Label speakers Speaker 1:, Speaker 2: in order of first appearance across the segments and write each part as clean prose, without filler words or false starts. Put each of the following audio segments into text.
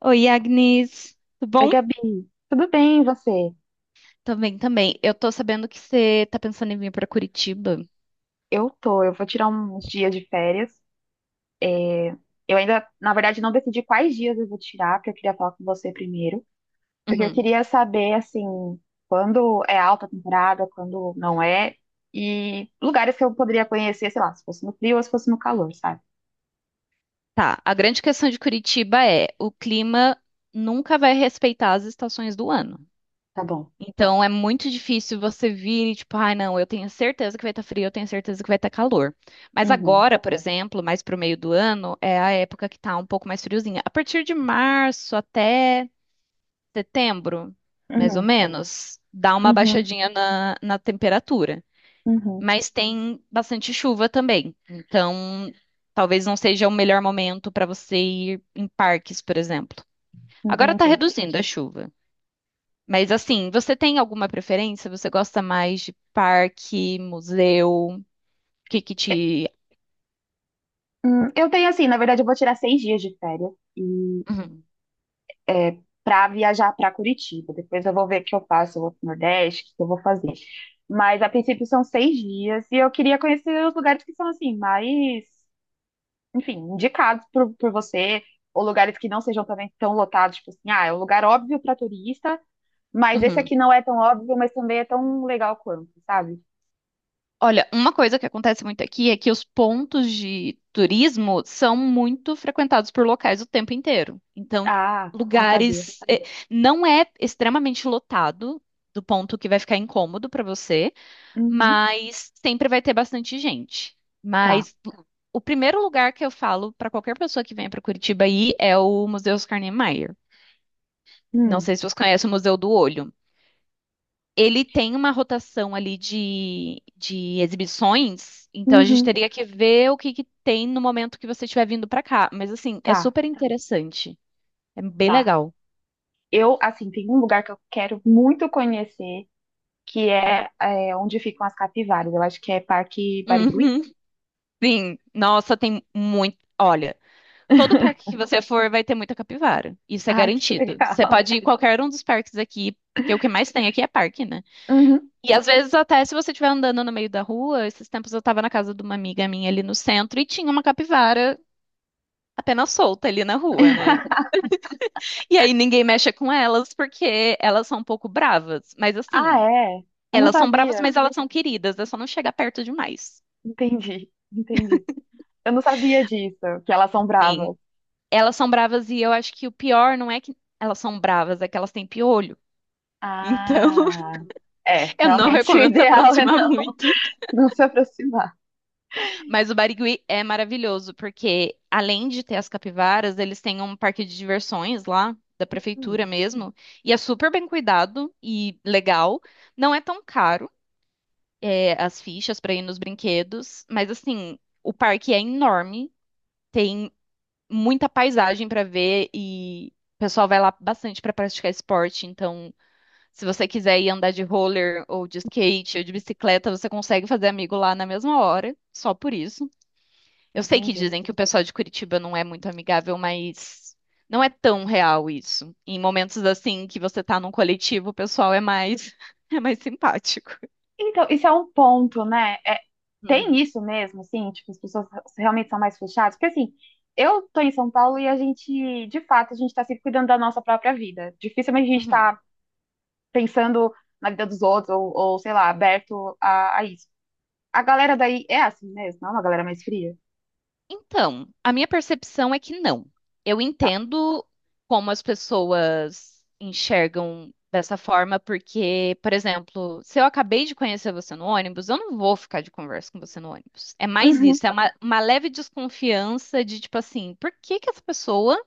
Speaker 1: Oi, Agnes. Tudo
Speaker 2: Oi,
Speaker 1: bom?
Speaker 2: Gabi. Tudo bem, e você?
Speaker 1: Também. Eu tô sabendo que você tá pensando em vir pra Curitiba.
Speaker 2: Eu vou tirar uns dias de férias. Eu ainda, na verdade, não decidi quais dias eu vou tirar, porque eu queria falar com você primeiro. Porque eu
Speaker 1: Uhum.
Speaker 2: queria saber, assim, quando é alta temporada, quando não é, e lugares que eu poderia conhecer, sei lá, se fosse no frio ou se fosse no calor, sabe?
Speaker 1: Tá. A grande questão de Curitiba é o clima nunca vai respeitar as estações do ano.
Speaker 2: Tá bom.
Speaker 1: Então é muito difícil você vir e tipo, ai, não, eu tenho certeza que vai estar frio, eu tenho certeza que vai estar calor. Mas
Speaker 2: Uhum,
Speaker 1: agora, por exemplo, mais pro meio do ano, é a época que tá um pouco mais friozinha. A partir de março até setembro, mais ou
Speaker 2: uhum,
Speaker 1: menos, dá uma
Speaker 2: uhum,
Speaker 1: baixadinha na temperatura.
Speaker 2: uhum.
Speaker 1: Mas tem bastante chuva também. Então, talvez não seja o melhor momento para você ir em parques, por exemplo. Agora está
Speaker 2: Entendi.
Speaker 1: reduzindo a chuva. Mas assim, você tem alguma preferência? Você gosta mais de parque, museu? O que que
Speaker 2: E-
Speaker 1: te.
Speaker 2: Eu tenho, assim, na verdade, eu vou tirar 6 dias de férias.
Speaker 1: Uhum,
Speaker 2: Para viajar para Curitiba. Depois eu vou ver o que eu faço, eu vou para o Nordeste, o que eu vou fazer. Mas a princípio são 6 dias e eu queria conhecer os lugares que são assim, mais, enfim, indicados por você, ou lugares que não sejam também tão lotados, tipo assim, ah, é um lugar óbvio para turista, mas esse
Speaker 1: uhum.
Speaker 2: aqui não é tão óbvio, mas também é tão legal quanto, sabe?
Speaker 1: Olha, uma coisa que acontece muito aqui é que os pontos de turismo são muito frequentados por locais o tempo inteiro. Então,
Speaker 2: Ah, não sabia.
Speaker 1: lugares. Não é extremamente lotado, do ponto que vai ficar incômodo para você,
Speaker 2: Uhum,
Speaker 1: mas sempre vai ter bastante gente.
Speaker 2: tá.
Speaker 1: Mas o primeiro lugar que eu falo para qualquer pessoa que venha para Curitiba aí é o Museu Oscar Niemeyer. Não
Speaker 2: Hum,
Speaker 1: sei se você conhece o Museu do Olho. Ele tem uma rotação ali de exibições, então a gente
Speaker 2: uhum,
Speaker 1: teria que ver o que que tem no momento que você estiver vindo pra cá. Mas assim, é
Speaker 2: tá,
Speaker 1: super interessante. É bem
Speaker 2: tá.
Speaker 1: legal.
Speaker 2: Eu, assim, tem um lugar que eu quero muito conhecer, que é, onde ficam as capivaras. Eu acho que é Parque Barigui.
Speaker 1: Uhum, sim. Nossa, tem muito. Olha, todo parque que você for vai ter muita capivara. Isso é
Speaker 2: Ah, que
Speaker 1: garantido. Você
Speaker 2: legal.
Speaker 1: pode ir em qualquer um dos parques aqui, porque o que mais tem aqui é parque, né?
Speaker 2: Uhum.
Speaker 1: E às vezes até se você estiver andando no meio da rua, esses tempos eu tava na casa de uma amiga minha ali no centro e tinha uma capivara apenas solta ali na rua, né? E aí ninguém mexe com elas porque elas são um pouco bravas. Mas
Speaker 2: Ah,
Speaker 1: assim,
Speaker 2: é? Eu não
Speaker 1: elas são bravas,
Speaker 2: sabia.
Speaker 1: mas elas são queridas. É só não chegar perto demais.
Speaker 2: Entendi, entendi. Eu não sabia disso, que elas são
Speaker 1: Sim.
Speaker 2: bravas.
Speaker 1: Elas são bravas e eu acho que o pior não é que elas são bravas, é que elas têm piolho. Então,
Speaker 2: Ah, é,
Speaker 1: eu não
Speaker 2: realmente o
Speaker 1: recomendo se
Speaker 2: ideal é
Speaker 1: aproximar
Speaker 2: não
Speaker 1: muito.
Speaker 2: não se aproximar.
Speaker 1: Mas o Barigui é maravilhoso, porque além de ter as capivaras, eles têm um parque de diversões lá, da
Speaker 2: Hum,
Speaker 1: prefeitura mesmo. E é super bem cuidado e legal. Não é tão caro. É, as fichas para ir nos brinquedos, mas assim, o parque é enorme, tem muita paisagem para ver e o pessoal vai lá bastante para praticar esporte, então se você quiser ir andar de roller ou de skate ou de bicicleta, você consegue fazer amigo lá na mesma hora, só por isso. Eu sei que
Speaker 2: Entendi.
Speaker 1: dizem que o pessoal de Curitiba não é muito amigável, mas não é tão real isso. Em momentos assim que você tá num coletivo, o pessoal é mais é mais simpático.
Speaker 2: Então, isso é um ponto, né? É, tem
Speaker 1: Uhum,
Speaker 2: isso mesmo, assim, tipo, as pessoas realmente são mais fechadas? Porque, assim, eu tô em São Paulo e a gente, de fato, a gente tá sempre cuidando da nossa própria vida. Dificilmente a gente
Speaker 1: uhum.
Speaker 2: tá pensando na vida dos outros, ou sei lá, aberto a isso. A galera daí é assim mesmo, não é uma galera mais fria?
Speaker 1: Então, a minha percepção é que não. Eu
Speaker 2: Tá.
Speaker 1: entendo como as pessoas enxergam dessa forma, porque, por exemplo, se eu acabei de conhecer você no ônibus, eu não vou ficar de conversa com você no ônibus. É mais
Speaker 2: Uhum,
Speaker 1: isso, é uma leve desconfiança de tipo assim, por que que essa pessoa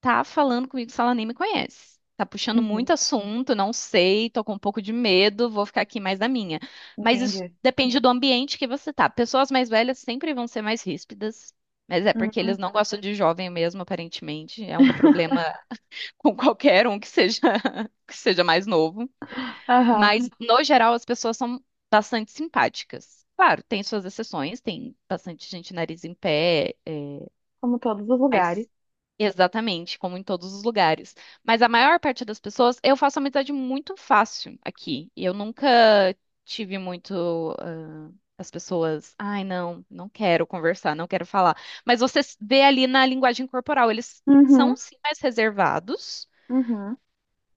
Speaker 1: tá falando comigo se ela nem me conhece. Tá puxando
Speaker 2: uhum,
Speaker 1: muito assunto, não sei, tô com um pouco de medo, vou ficar aqui mais na minha. Mas isso
Speaker 2: entendi.
Speaker 1: depende do ambiente que você tá. Pessoas mais velhas sempre vão ser mais ríspidas, mas é porque eles
Speaker 2: Uhum,
Speaker 1: não gostam de jovem mesmo, aparentemente. É um problema com qualquer um que seja que seja mais novo.
Speaker 2: aham,
Speaker 1: Mas no geral as pessoas são bastante simpáticas. Claro, tem suas exceções, tem bastante gente nariz em pé,
Speaker 2: como todos os
Speaker 1: mas
Speaker 2: lugares.
Speaker 1: exatamente, como em todos os lugares. Mas a maior parte das pessoas, eu faço amizade muito fácil aqui. Eu nunca tive muito, ah, as pessoas, ai, não, não quero conversar, não quero falar. Mas você vê ali na linguagem corporal, eles são
Speaker 2: Uhum,
Speaker 1: sim mais reservados,
Speaker 2: uhum,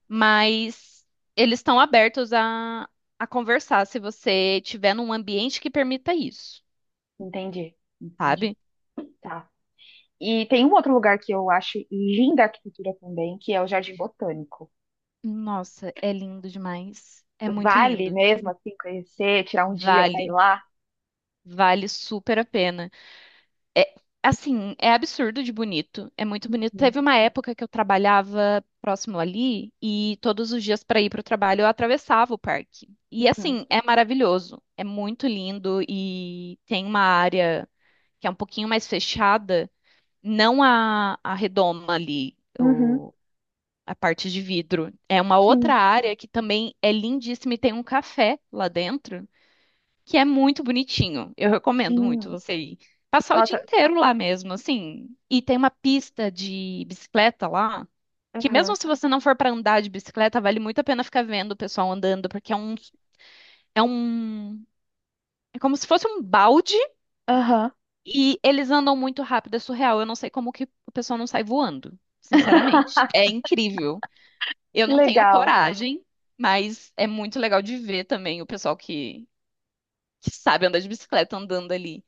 Speaker 1: mas eles estão abertos a conversar se você tiver num ambiente que permita isso,
Speaker 2: entendi, entendi.
Speaker 1: sabe?
Speaker 2: Tá. E tem um outro lugar que eu acho linda a arquitetura também, que é o Jardim Botânico.
Speaker 1: Nossa, é lindo demais. É muito
Speaker 2: Vale
Speaker 1: lindo.
Speaker 2: mesmo assim conhecer, tirar um dia pra ir
Speaker 1: Vale.
Speaker 2: lá?
Speaker 1: Vale super a pena. É, assim, é absurdo de bonito. É muito bonito.
Speaker 2: Uhum,
Speaker 1: Teve uma época que eu trabalhava próximo ali e todos os dias para ir para o trabalho eu atravessava o parque. E
Speaker 2: uhum,
Speaker 1: assim, é maravilhoso. É muito lindo e tem uma área que é um pouquinho mais fechada, não a redoma ali,
Speaker 2: uhum,
Speaker 1: o, a parte de vidro. É uma outra
Speaker 2: sim,
Speaker 1: área que também é lindíssima e tem um café lá dentro que é muito bonitinho. Eu recomendo muito
Speaker 2: sim.
Speaker 1: você ir. Passar o dia
Speaker 2: Nossa,
Speaker 1: inteiro lá mesmo, assim. E tem uma pista de bicicleta lá, que
Speaker 2: aham,
Speaker 1: mesmo se você não for para andar de bicicleta, vale muito a pena ficar vendo o pessoal andando, porque é um, é como se fosse um balde
Speaker 2: aham.
Speaker 1: e eles andam muito rápido, é surreal. Eu não sei como que o pessoal não sai voando, sinceramente. É incrível. Eu
Speaker 2: Que
Speaker 1: não tenho
Speaker 2: legal.
Speaker 1: coragem, mas é muito legal de ver também o pessoal que sabe andar de bicicleta andando ali.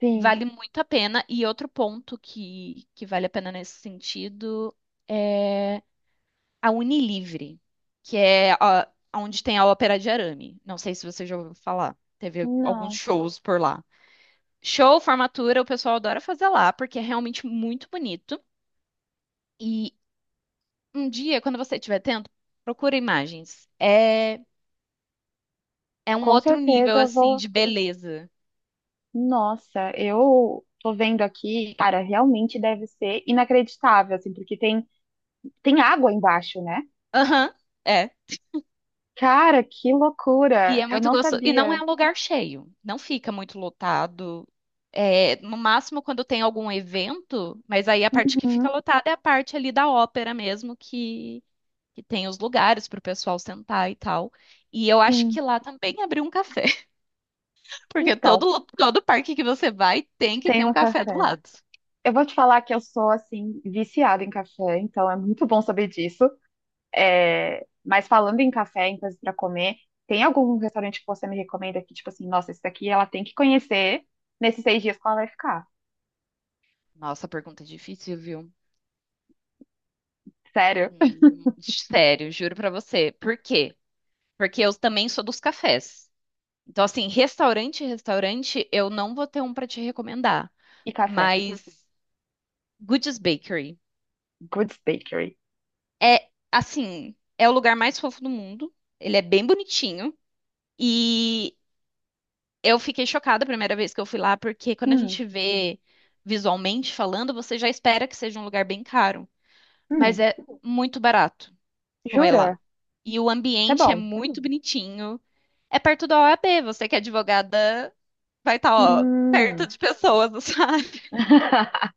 Speaker 2: Sim,
Speaker 1: Vale muito a pena. E outro ponto que vale a pena nesse sentido é a Unilivre, que é onde tem a Ópera de Arame. Não sei se você já ouviu falar. Teve alguns
Speaker 2: não.
Speaker 1: shows por lá. Show, formatura, o pessoal adora fazer lá, porque é realmente muito bonito. E um dia, quando você estiver tendo, procura imagens. É, é um
Speaker 2: Com
Speaker 1: outro nível,
Speaker 2: certeza eu
Speaker 1: assim,
Speaker 2: vou.
Speaker 1: de beleza.
Speaker 2: Nossa, eu tô vendo aqui, cara, realmente deve ser inacreditável, assim, porque tem água embaixo, né?
Speaker 1: Aham, é.
Speaker 2: Cara, que
Speaker 1: E
Speaker 2: loucura!
Speaker 1: é
Speaker 2: Eu
Speaker 1: muito
Speaker 2: não
Speaker 1: gostoso. E não
Speaker 2: sabia.
Speaker 1: é um lugar cheio, não fica muito lotado. É, no máximo quando tem algum evento, mas aí a parte que fica
Speaker 2: Uhum,
Speaker 1: lotada é a parte ali da ópera mesmo, que tem os lugares para o pessoal sentar e tal. E eu acho
Speaker 2: sim.
Speaker 1: que lá também abriu um café, porque
Speaker 2: Então,
Speaker 1: todo parque que você vai tem que ter um
Speaker 2: tenho
Speaker 1: café do
Speaker 2: café.
Speaker 1: lado.
Speaker 2: Eu vou te falar que eu sou, assim, viciada em café, então é muito bom saber disso. É, mas falando em café, em coisas pra comer, tem algum restaurante que você me recomenda que, tipo assim, nossa, esse daqui ela tem que conhecer nesses 6 dias que ela vai ficar?
Speaker 1: Nossa, pergunta difícil, viu?
Speaker 2: Sério.
Speaker 1: Sério, juro pra você. Por quê? Porque eu também sou dos cafés. Então, assim, restaurante, eu não vou ter um pra te recomendar,
Speaker 2: E café.
Speaker 1: mas Goodies Bakery
Speaker 2: Goods Bakery.
Speaker 1: é, assim, é o lugar mais fofo do mundo. Ele é bem bonitinho e eu fiquei chocada a primeira vez que eu fui lá, porque quando a
Speaker 2: Hum,
Speaker 1: gente vê visualmente falando, você já espera que seja um lugar bem caro, mas
Speaker 2: hum.
Speaker 1: é muito barato comer lá.
Speaker 2: Jura?
Speaker 1: E o
Speaker 2: Isso é
Speaker 1: ambiente é
Speaker 2: bom.
Speaker 1: muito bonitinho. É perto da OAB, você que é advogada, vai estar, ó, perto
Speaker 2: Hum.
Speaker 1: de pessoas, sabe?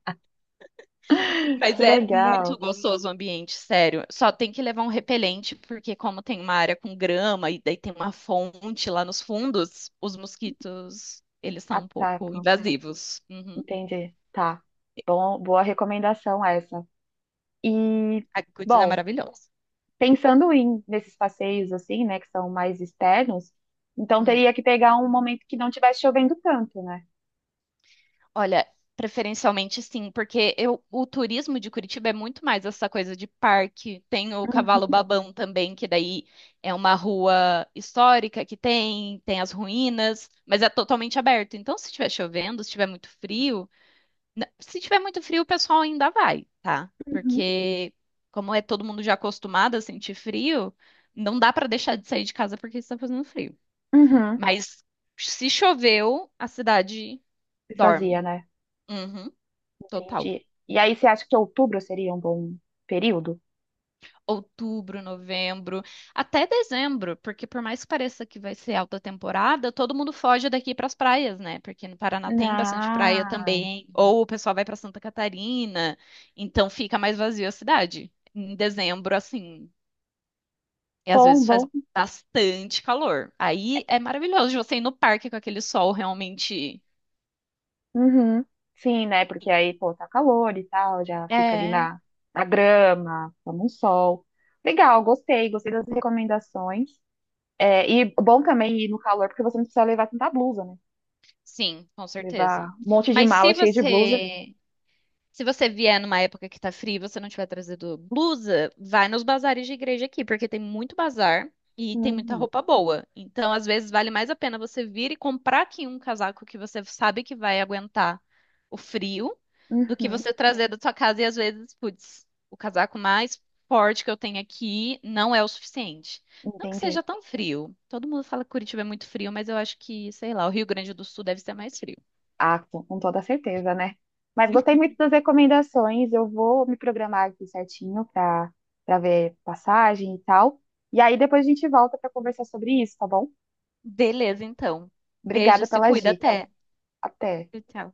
Speaker 1: Mas
Speaker 2: Que
Speaker 1: é muito
Speaker 2: legal.
Speaker 1: gostoso o ambiente, sério. Só tem que levar um repelente, porque como tem uma área com grama e daí tem uma fonte lá nos fundos, os mosquitos, eles são um pouco
Speaker 2: Atacam.
Speaker 1: invasivos. Uhum.
Speaker 2: Entendi. Tá. Bom, boa recomendação essa. E,
Speaker 1: A Goodies é
Speaker 2: bom,
Speaker 1: maravilhosa.
Speaker 2: pensando em nesses passeios assim, né, que são mais externos, então
Speaker 1: Uhum.
Speaker 2: teria que pegar um momento que não tivesse chovendo tanto, né?
Speaker 1: Olha, preferencialmente sim, porque eu, o turismo de Curitiba é muito mais essa coisa de parque. Tem o
Speaker 2: Uhum.
Speaker 1: Cavalo Babão também, que daí é uma rua histórica que tem, tem as ruínas, mas é totalmente aberto. Então, se estiver chovendo, se estiver muito frio, se tiver muito frio, o pessoal ainda vai, tá?
Speaker 2: Uhum.
Speaker 1: Porque como é todo mundo já acostumado a sentir frio, não dá pra deixar de sair de casa porque está fazendo frio.
Speaker 2: Uhum.
Speaker 1: Mas se choveu, a cidade
Speaker 2: Isso fazia,
Speaker 1: dorme.
Speaker 2: né?
Speaker 1: Uhum, total.
Speaker 2: Entendi. E aí você acha que outubro seria um bom período?
Speaker 1: Outubro, novembro, até dezembro, porque por mais que pareça que vai ser alta temporada, todo mundo foge daqui para as praias, né? Porque no Paraná tem bastante praia
Speaker 2: Ah.
Speaker 1: também, ou o pessoal vai para Santa Catarina, então fica mais vazio a cidade. Em dezembro, assim, e às
Speaker 2: Bom,
Speaker 1: vezes faz
Speaker 2: bom.
Speaker 1: bastante calor. Aí é maravilhoso de você ir no parque com aquele sol realmente.
Speaker 2: Uhum. Sim, né? Porque aí, pô, tá calor e tal, já fica ali
Speaker 1: É,
Speaker 2: na grama, toma um sol. Legal, gostei, gostei das recomendações. É, e bom também ir no calor, porque você não precisa levar tanta blusa, né?
Speaker 1: sim, com
Speaker 2: Levar
Speaker 1: certeza.
Speaker 2: um monte de
Speaker 1: Mas
Speaker 2: mala
Speaker 1: se
Speaker 2: cheia de blusa.
Speaker 1: você Se você vier numa época que tá frio e você não tiver trazido blusa, vai nos bazares de igreja aqui, porque tem muito bazar e tem muita
Speaker 2: Uhum.
Speaker 1: roupa boa. Então, às vezes, vale mais a pena você vir e comprar aqui um casaco que você sabe que vai aguentar o frio do que
Speaker 2: Uhum.
Speaker 1: você trazer da sua casa e às vezes, putz, o casaco mais forte que eu tenho aqui não é o suficiente. Não que seja
Speaker 2: Entendi.
Speaker 1: tão frio. Todo mundo fala que Curitiba é muito frio, mas eu acho que, sei lá, o Rio Grande do Sul deve ser mais frio.
Speaker 2: Ah, com toda certeza, né? Mas gostei muito das recomendações. Eu vou me programar aqui certinho para ver passagem e tal. E aí depois a gente volta para conversar sobre isso, tá bom?
Speaker 1: Beleza, então. Beijo,
Speaker 2: Obrigada
Speaker 1: se
Speaker 2: pelas
Speaker 1: cuida,
Speaker 2: dicas.
Speaker 1: até.
Speaker 2: Até.
Speaker 1: Tchau, tchau.